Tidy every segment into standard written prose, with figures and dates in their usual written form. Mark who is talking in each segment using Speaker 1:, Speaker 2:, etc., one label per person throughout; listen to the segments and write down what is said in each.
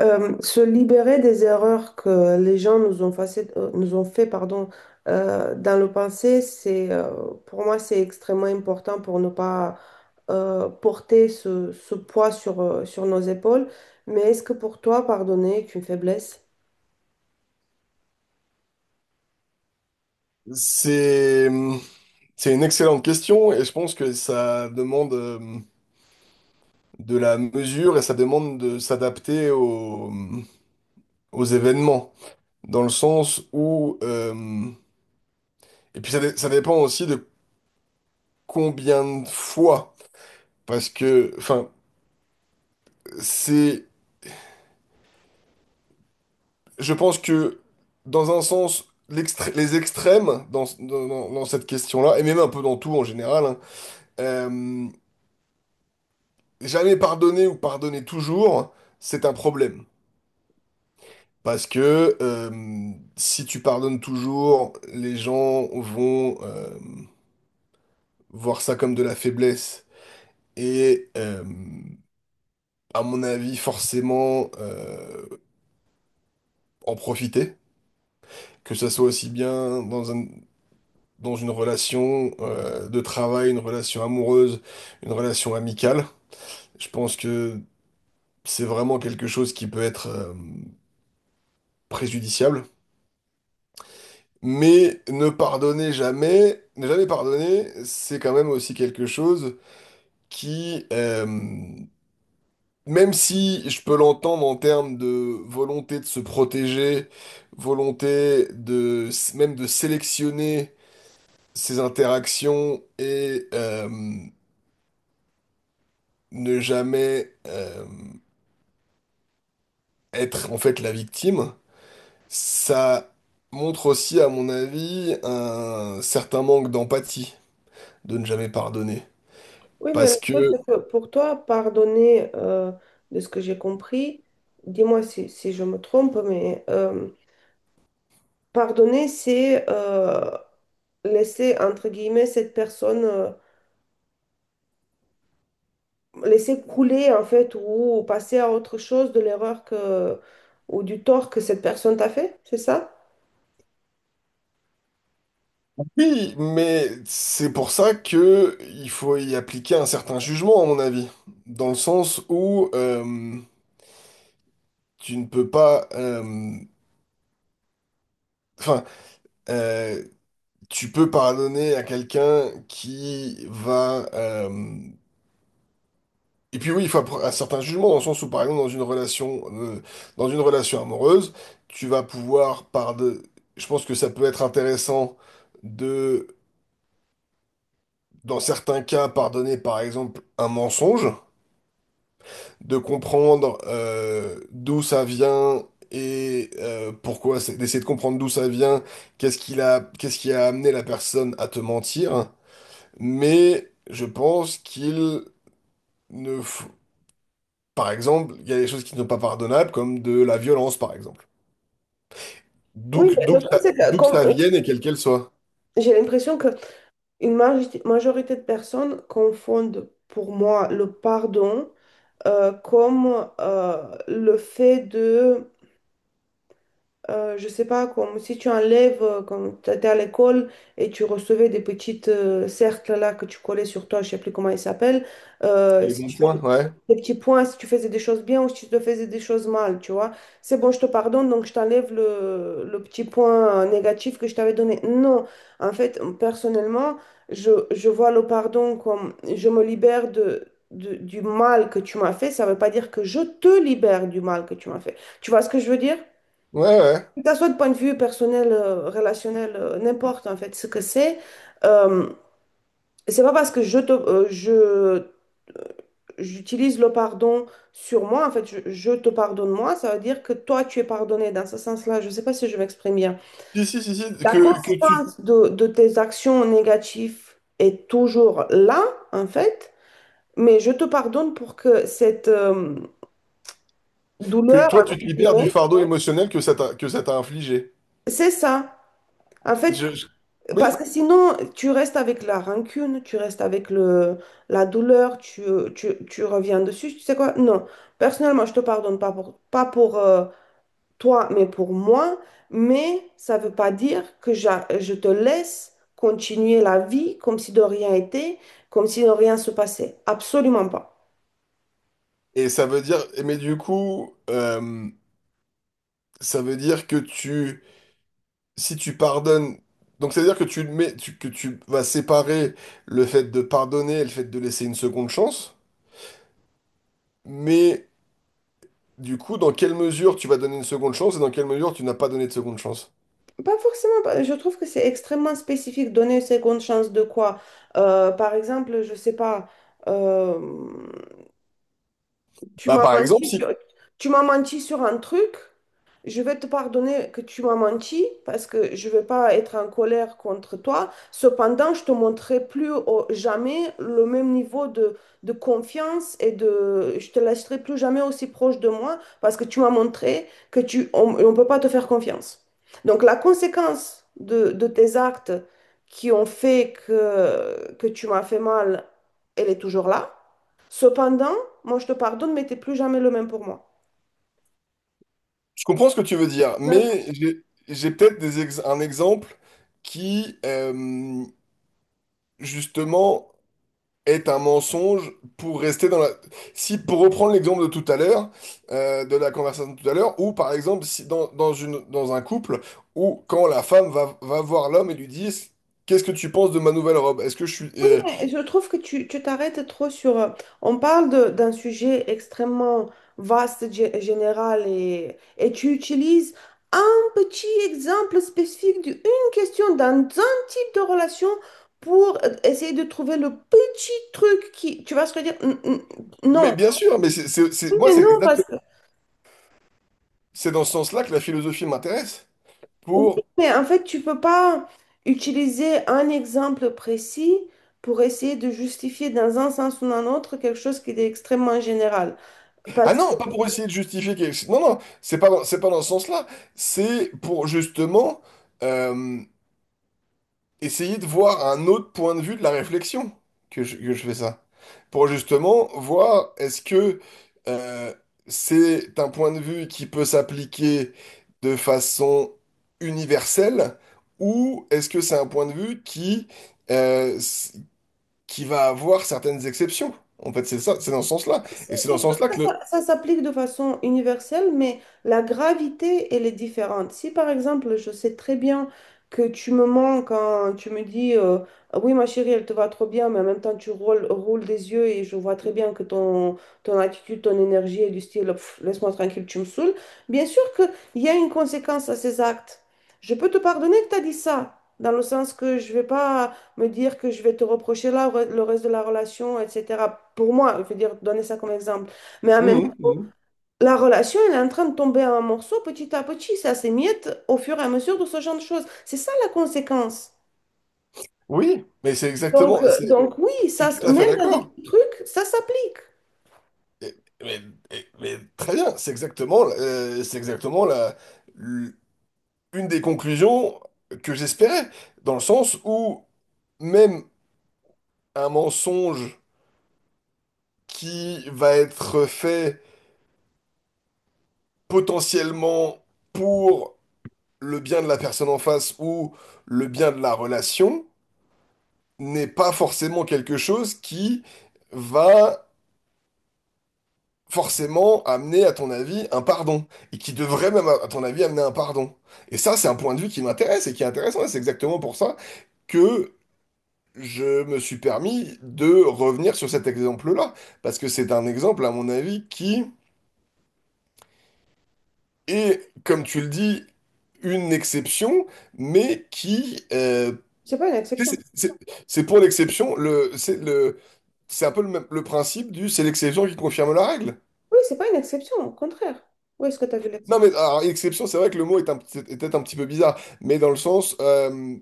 Speaker 1: Se libérer des erreurs que les gens nous ont fait, pardon, dans le passé, pour moi, c'est extrêmement important pour ne pas porter ce poids sur nos épaules. Mais est-ce que pour toi, pardonner est une faiblesse?
Speaker 2: C'est, hum, c'est une excellente question et je pense que ça demande de la mesure et ça demande de s'adapter aux, aux événements. Dans le sens où... et puis ça, ça dépend aussi de combien de fois. Parce que, enfin, c'est... Je pense que, dans un sens, les extrêmes dans cette question-là, et même un peu dans tout en général, hein, euh, jamais pardonner ou pardonner toujours, c'est un problème. Parce que si tu pardonnes toujours, les gens vont voir ça comme de la faiblesse et, à mon avis, forcément en profiter, que ça soit aussi bien dans une relation de travail, une relation amoureuse, une relation amicale. Je pense que c'est vraiment quelque chose qui peut être préjudiciable. Mais ne pardonner jamais, ne jamais pardonner, c'est quand même aussi quelque chose qui, même si je peux l'entendre en termes de volonté de se protéger, volonté de même de sélectionner ses interactions et ne jamais être en fait la victime, ça montre aussi, à mon avis, un certain manque d'empathie de ne jamais pardonner.
Speaker 1: Oui, mais le
Speaker 2: Parce
Speaker 1: problème,
Speaker 2: que
Speaker 1: c'est que pour toi, de ce que j'ai compris, dis-moi si je me trompe, pardonner, c'est laisser, entre guillemets, cette personne, laisser couler en fait ou passer à autre chose de l'erreur que ou du tort que cette personne t'a fait, c'est ça?
Speaker 2: oui, mais c'est pour ça que il faut y appliquer un certain jugement, à mon avis. Dans le sens où tu ne peux pas... Enfin, euh, tu peux pardonner à quelqu'un qui va... et puis oui, il faut un certain jugement, dans le sens où, par exemple, dans une relation amoureuse, tu vas pouvoir pardonner... Je pense que ça peut être intéressant de, dans certains cas, pardonner, par exemple, un mensonge. De comprendre d'où ça vient et pourquoi, c'est d'essayer de comprendre d'où ça vient, qu'est-ce qu'il a, qu'est-ce qui a amené la personne à te mentir. Mais je pense qu'il ne faut... Par exemple, il y a des choses qui ne sont pas pardonnables, comme de la violence, par exemple.
Speaker 1: Oui, mais le truc c'est que
Speaker 2: D'où que ça vienne et quel qu'elle soit.
Speaker 1: j'ai l'impression que une majorité de personnes confondent pour moi le pardon comme le fait de je sais pas, comme si tu enlèves, quand tu étais à l'école et tu recevais des petites cercles là que tu collais sur toi, je sais plus comment ils s'appellent,
Speaker 2: Les
Speaker 1: si
Speaker 2: bons
Speaker 1: tu
Speaker 2: points, ouais.
Speaker 1: des petits points si tu faisais des choses bien ou si tu te faisais des choses mal, tu vois. C'est bon, je te pardonne, donc je t'enlève le petit point négatif que je t'avais donné. Non, en fait, personnellement, je vois le pardon comme je me libère du mal que tu m'as fait. Ça ne veut pas dire que je te libère du mal que tu m'as fait. Tu vois ce que je veux dire?
Speaker 2: Ouais, ouais.
Speaker 1: Que ça soit de point de vue personnel, relationnel, n'importe en fait ce que c'est. Euh, c'est pas parce que je, te- je, j'utilise le pardon sur moi, en fait, je te pardonne moi, ça veut dire que toi, tu es pardonné dans ce sens-là. Je sais pas si je m'exprime bien.
Speaker 2: Si, si, si, si,
Speaker 1: La
Speaker 2: que, que tu,
Speaker 1: conséquence de tes actions négatives est toujours là, en fait, mais je te pardonne pour que cette
Speaker 2: que
Speaker 1: douleur,
Speaker 2: toi,
Speaker 1: entre
Speaker 2: tu te libères du
Speaker 1: guillemets,
Speaker 2: fardeau émotionnel que ça t'a infligé.
Speaker 1: c'est ça. En fait,
Speaker 2: Je, je-
Speaker 1: parce
Speaker 2: Oui.
Speaker 1: que sinon, tu restes avec la rancune, tu restes avec la douleur, tu reviens dessus. Tu sais quoi? Non. Personnellement, je te pardonne pas pour toi, mais pour moi. Mais ça veut pas dire que je te laisse continuer la vie comme si de rien était, comme si de rien se passait. Absolument pas.
Speaker 2: Et ça veut dire, mais du coup, ça veut dire que tu, si tu pardonnes, donc ça veut dire que tu le mets, que tu vas séparer le fait de pardonner et le fait de laisser une seconde chance, mais du coup, dans quelle mesure tu vas donner une seconde chance et dans quelle mesure tu n'as pas donné de seconde chance?
Speaker 1: Pas forcément. Je trouve que c'est extrêmement spécifique. Donner une seconde chance de quoi? Par exemple, je sais pas. euh, Tu
Speaker 2: Bah,
Speaker 1: m'as
Speaker 2: par exemple,
Speaker 1: menti
Speaker 2: si,
Speaker 1: sur, tu m'as menti sur un truc. Je vais te pardonner que tu m'as menti parce que je ne vais pas être en colère contre toi. Cependant, je te montrerai jamais le même niveau de confiance et de, je te laisserai plus jamais aussi proche de moi parce que tu m'as montré que tu, on ne peut pas te faire confiance. Donc, la conséquence de tes actes qui ont fait que tu m'as fait mal, elle est toujours là. Cependant, moi, je te pardonne, mais t'es plus jamais le même pour moi.
Speaker 2: je comprends ce que tu veux dire,
Speaker 1: Ouais.
Speaker 2: mais j'ai, j'ai peut-être un exemple qui, justement, est un mensonge pour rester dans la... Si, pour reprendre l'exemple de tout à l'heure, de la conversation de tout à l'heure, ou par exemple, si dans un couple, où quand la femme va voir l'homme et lui dit, qu'est-ce que tu penses de ma nouvelle robe? Est-ce que je suis...
Speaker 1: Oui,
Speaker 2: euh,
Speaker 1: mais je trouve que tu t'arrêtes trop sur… On parle d'un sujet extrêmement vaste, général, et tu utilises un petit exemple spécifique d'une question dans un type de relation pour essayer de trouver le petit truc qui… Tu vas se dire,
Speaker 2: Mais
Speaker 1: non.
Speaker 2: bien sûr, mais
Speaker 1: Oui, mais non, parce que…
Speaker 2: c'est dans ce sens-là que la philosophie m'intéresse.
Speaker 1: Oui,
Speaker 2: Pour...
Speaker 1: mais en fait, tu peux pas utiliser un exemple précis pour essayer de justifier dans un sens ou dans un autre quelque chose qui est extrêmement général.
Speaker 2: Ah non, pas pour essayer de justifier quelque chose. Non, non, c'est pas dans ce sens-là. C'est pour justement... euh, essayer de voir un autre point de vue de la réflexion que je fais ça. Pour justement voir est-ce que euh, c'est un point de vue qui peut s'appliquer de façon universelle ou est-ce que c'est un point de vue qui, euh, s- qui va avoir certaines exceptions. En fait, c'est ça, c'est dans ce sens-là.
Speaker 1: Si,
Speaker 2: Et c'est dans ce
Speaker 1: des trucs,
Speaker 2: sens-là que le...
Speaker 1: ça s'applique de façon universelle, mais la gravité, elle est différente. Si par exemple, je sais très bien que tu me mens quand tu me dis Ah oui, ma chérie, elle te va trop bien, mais en même temps, tu roules des yeux et je vois très bien que ton, ton attitude, ton énergie est du style Pff, laisse-moi tranquille, tu me saoules. Bien sûr qu'il y a une conséquence à ces actes. Je peux te pardonner que tu as dit ça, dans le sens que je vais pas me dire que je vais te reprocher là, le reste de la relation, etc. Pour moi, je veux dire, donner ça comme exemple. Mais en même
Speaker 2: Mhm,
Speaker 1: temps,
Speaker 2: mhm.
Speaker 1: la relation, elle est en train de tomber en morceaux petit à petit. Ça s'émiette au fur et à mesure de ce genre de choses. C'est ça la conséquence.
Speaker 2: Oui, mais c'est
Speaker 1: Donc,
Speaker 2: exactement,
Speaker 1: euh,
Speaker 2: c'est,
Speaker 1: donc oui,
Speaker 2: je
Speaker 1: ça,
Speaker 2: suis tout à fait
Speaker 1: même dans des
Speaker 2: d'accord.
Speaker 1: petits trucs, ça s'applique.
Speaker 2: Mais, mais très bien, c'est exactement l- une des conclusions que j'espérais, dans le sens où même un mensonge qui va être fait potentiellement pour le bien de la personne en face ou le bien de la relation n'est pas forcément quelque chose qui va forcément amener, à ton avis, un pardon, et qui devrait même, à ton avis, amener un pardon. Et ça, c'est un point de vue qui m'intéresse et qui est intéressant, et c'est exactement pour ça que je me suis permis de revenir sur cet exemple-là, parce que c'est un exemple, à mon avis, qui est, comme tu le dis, une exception, mais qui...
Speaker 1: C'est pas une exception.
Speaker 2: c'est c'est- c'est pour l'exception, c'est le, c'est un peu le, même- le principe du c'est l'exception qui confirme la règle.
Speaker 1: Oui, c'est pas une exception, au contraire. Où est-ce que tu as vu
Speaker 2: Non, mais
Speaker 1: l'exception?
Speaker 2: alors, exception, c'est vrai que le mot est était un petit peu bizarre, mais dans le sens,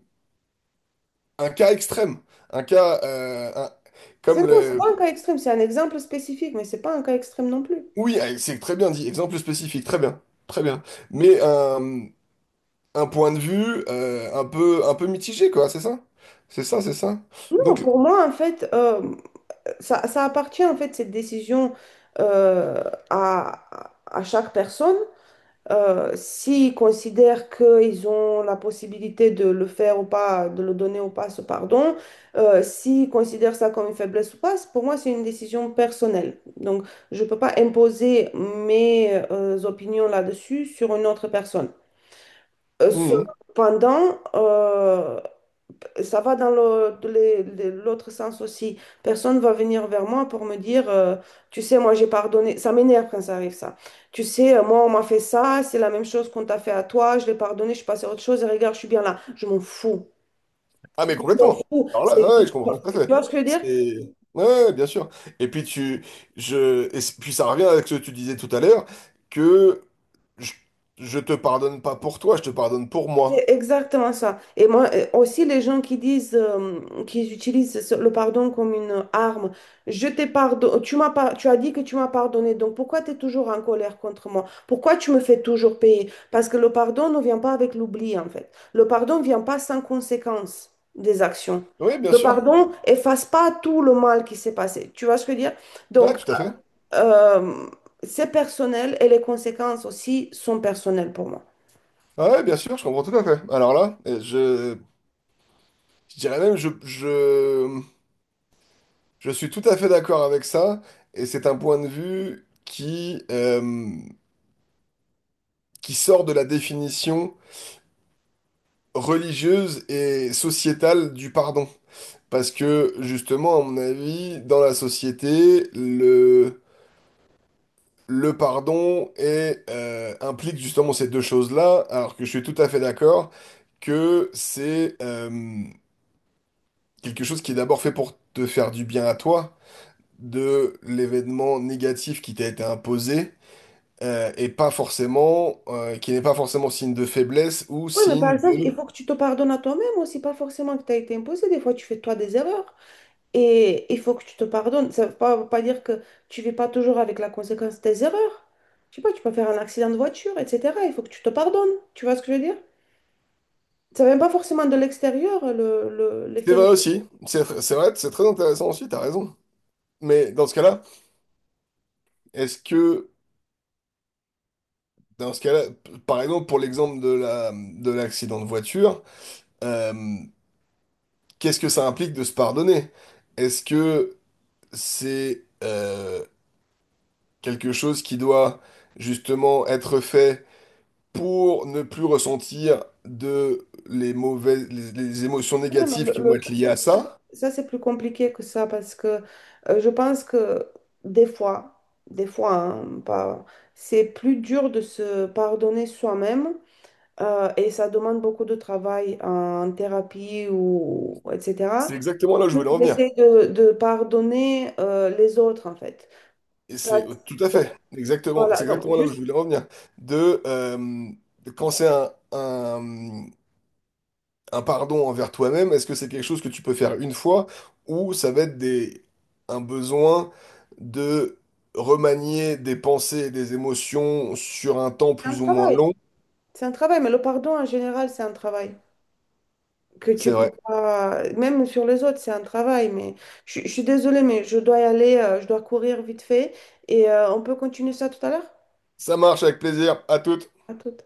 Speaker 2: un cas extrême, un cas comme
Speaker 1: C'est non, c'est
Speaker 2: le...
Speaker 1: pas un cas extrême, c'est un exemple spécifique, mais c'est pas un cas extrême non plus.
Speaker 2: Oui, c'est très bien dit, exemple spécifique, très bien, très bien. Mais un point de vue euh, un peu mitigé, quoi, c'est ça? C'est ça, c'est ça.
Speaker 1: Non,
Speaker 2: Donc,
Speaker 1: pour moi, en fait, ça, ça appartient en fait cette décision euh, à chaque personne. S'ils considèrent qu'ils ont la possibilité de le faire ou pas, de le donner ou pas ce pardon, s'ils considèrent ça comme une faiblesse ou pas, pour moi c'est une décision personnelle. Donc je ne peux pas imposer mes opinions là-dessus sur une autre personne.
Speaker 2: hum.
Speaker 1: Cependant, ça va dans l'autre sens aussi. Personne va venir vers moi pour me dire, tu sais, moi j'ai pardonné. Ça m'énerve quand ça arrive, ça. Tu sais, moi on m'a fait ça, c'est la même chose qu'on t'a fait à toi, je l'ai pardonné, je suis passée à autre chose et regarde, je suis bien là. Je m'en fous.
Speaker 2: Ah, mais
Speaker 1: Je m'en
Speaker 2: complètement.
Speaker 1: fous.
Speaker 2: Alors là, ouais, je comprends tout à
Speaker 1: Tu
Speaker 2: fait.
Speaker 1: vois ce que je veux dire?
Speaker 2: C'est... Ouais, ouais, bien sûr. Et puis tu, et puis ça revient avec ce que tu disais tout à l'heure, que Je, je te pardonne pas pour toi, je te pardonne pour
Speaker 1: C'est
Speaker 2: moi.
Speaker 1: exactement ça. Et moi, aussi, les gens qui disent, qui utilisent le pardon comme une arme, je t'ai pardonné, tu as dit que tu m'as pardonné, donc pourquoi tu es toujours en colère contre moi? Pourquoi tu me fais toujours payer? Parce que le pardon ne vient pas avec l'oubli, en fait. Le pardon ne vient pas sans conséquence des actions.
Speaker 2: Oui, bien
Speaker 1: Le
Speaker 2: sûr.
Speaker 1: pardon efface pas tout le mal qui s'est passé. Tu vois ce que je veux dire?
Speaker 2: Ouais,
Speaker 1: Donc,
Speaker 2: tout à fait.
Speaker 1: euh, c'est personnel et les conséquences aussi sont personnelles pour moi.
Speaker 2: Ouais, bien sûr, je comprends tout à fait. Alors là, je dirais même, je suis tout à fait d'accord avec ça, et c'est un point de vue qui sort de la définition religieuse et sociétale du pardon. Parce que justement, à mon avis, dans la société, le pardon est, implique justement ces deux choses-là, alors que je suis tout à fait d'accord que c'est quelque chose qui est d'abord fait pour te faire du bien à toi, de l'événement négatif qui t'a été imposé, et pas forcément, qui n'est pas forcément signe de faiblesse ou
Speaker 1: Oui, mais par
Speaker 2: signe
Speaker 1: exemple, il
Speaker 2: de...
Speaker 1: faut que tu te pardonnes à toi-même aussi, pas forcément que tu as été imposé. Des fois, tu fais toi des erreurs et il faut que tu te pardonnes. Ça ne veut pas, veut pas dire que tu ne vis pas toujours avec la conséquence de tes erreurs. Je sais pas, tu peux faire un accident de voiture, etc. Il faut que tu te pardonnes. Tu vois ce que je veux dire? Ça vient pas forcément de l'extérieur,
Speaker 2: C'est
Speaker 1: l'effet
Speaker 2: vrai
Speaker 1: négatif,
Speaker 2: aussi, c'est vrai, c'est très intéressant aussi, t'as raison. Mais dans ce cas-là, est-ce que, dans ce cas-là, par exemple, pour l'exemple de l'accident de voiture, euh, qu'est-ce que ça implique de se pardonner? Est-ce que c'est quelque chose qui doit justement être fait pour ne plus ressentir de les mauvaises, les émotions
Speaker 1: mais
Speaker 2: négatives qui vont
Speaker 1: le
Speaker 2: être
Speaker 1: truc,
Speaker 2: liées
Speaker 1: c'est
Speaker 2: à
Speaker 1: que
Speaker 2: ça?
Speaker 1: ça, c'est plus compliqué que ça parce que je pense que des fois, des fois, hein, pas, c'est plus dur de se pardonner soi-même. Et ça demande beaucoup de travail en thérapie ou etc.
Speaker 2: C'est exactement là où je voulais en venir.
Speaker 1: J'essaie de pardonner les autres en fait.
Speaker 2: Et c'est
Speaker 1: Parce-
Speaker 2: tout à fait, exactement, c'est
Speaker 1: Voilà, donc
Speaker 2: exactement là où
Speaker 1: juste
Speaker 2: je voulais en venir. De quand c'est un pardon envers toi-même, est-ce que c'est quelque chose que tu peux faire une fois ou ça va être un besoin de remanier des pensées et des émotions sur un temps
Speaker 1: c'est un
Speaker 2: plus ou moins
Speaker 1: travail.
Speaker 2: long?
Speaker 1: C'est un travail, mais le pardon en général, c'est un travail que tu
Speaker 2: C'est
Speaker 1: peux
Speaker 2: vrai.
Speaker 1: pas, même sur les autres, c'est un travail. Mais je suis désolée, mais je dois y aller, je dois courir vite fait et on peut continuer ça tout à l'heure.
Speaker 2: Ça marche avec plaisir. À toutes.
Speaker 1: À tout.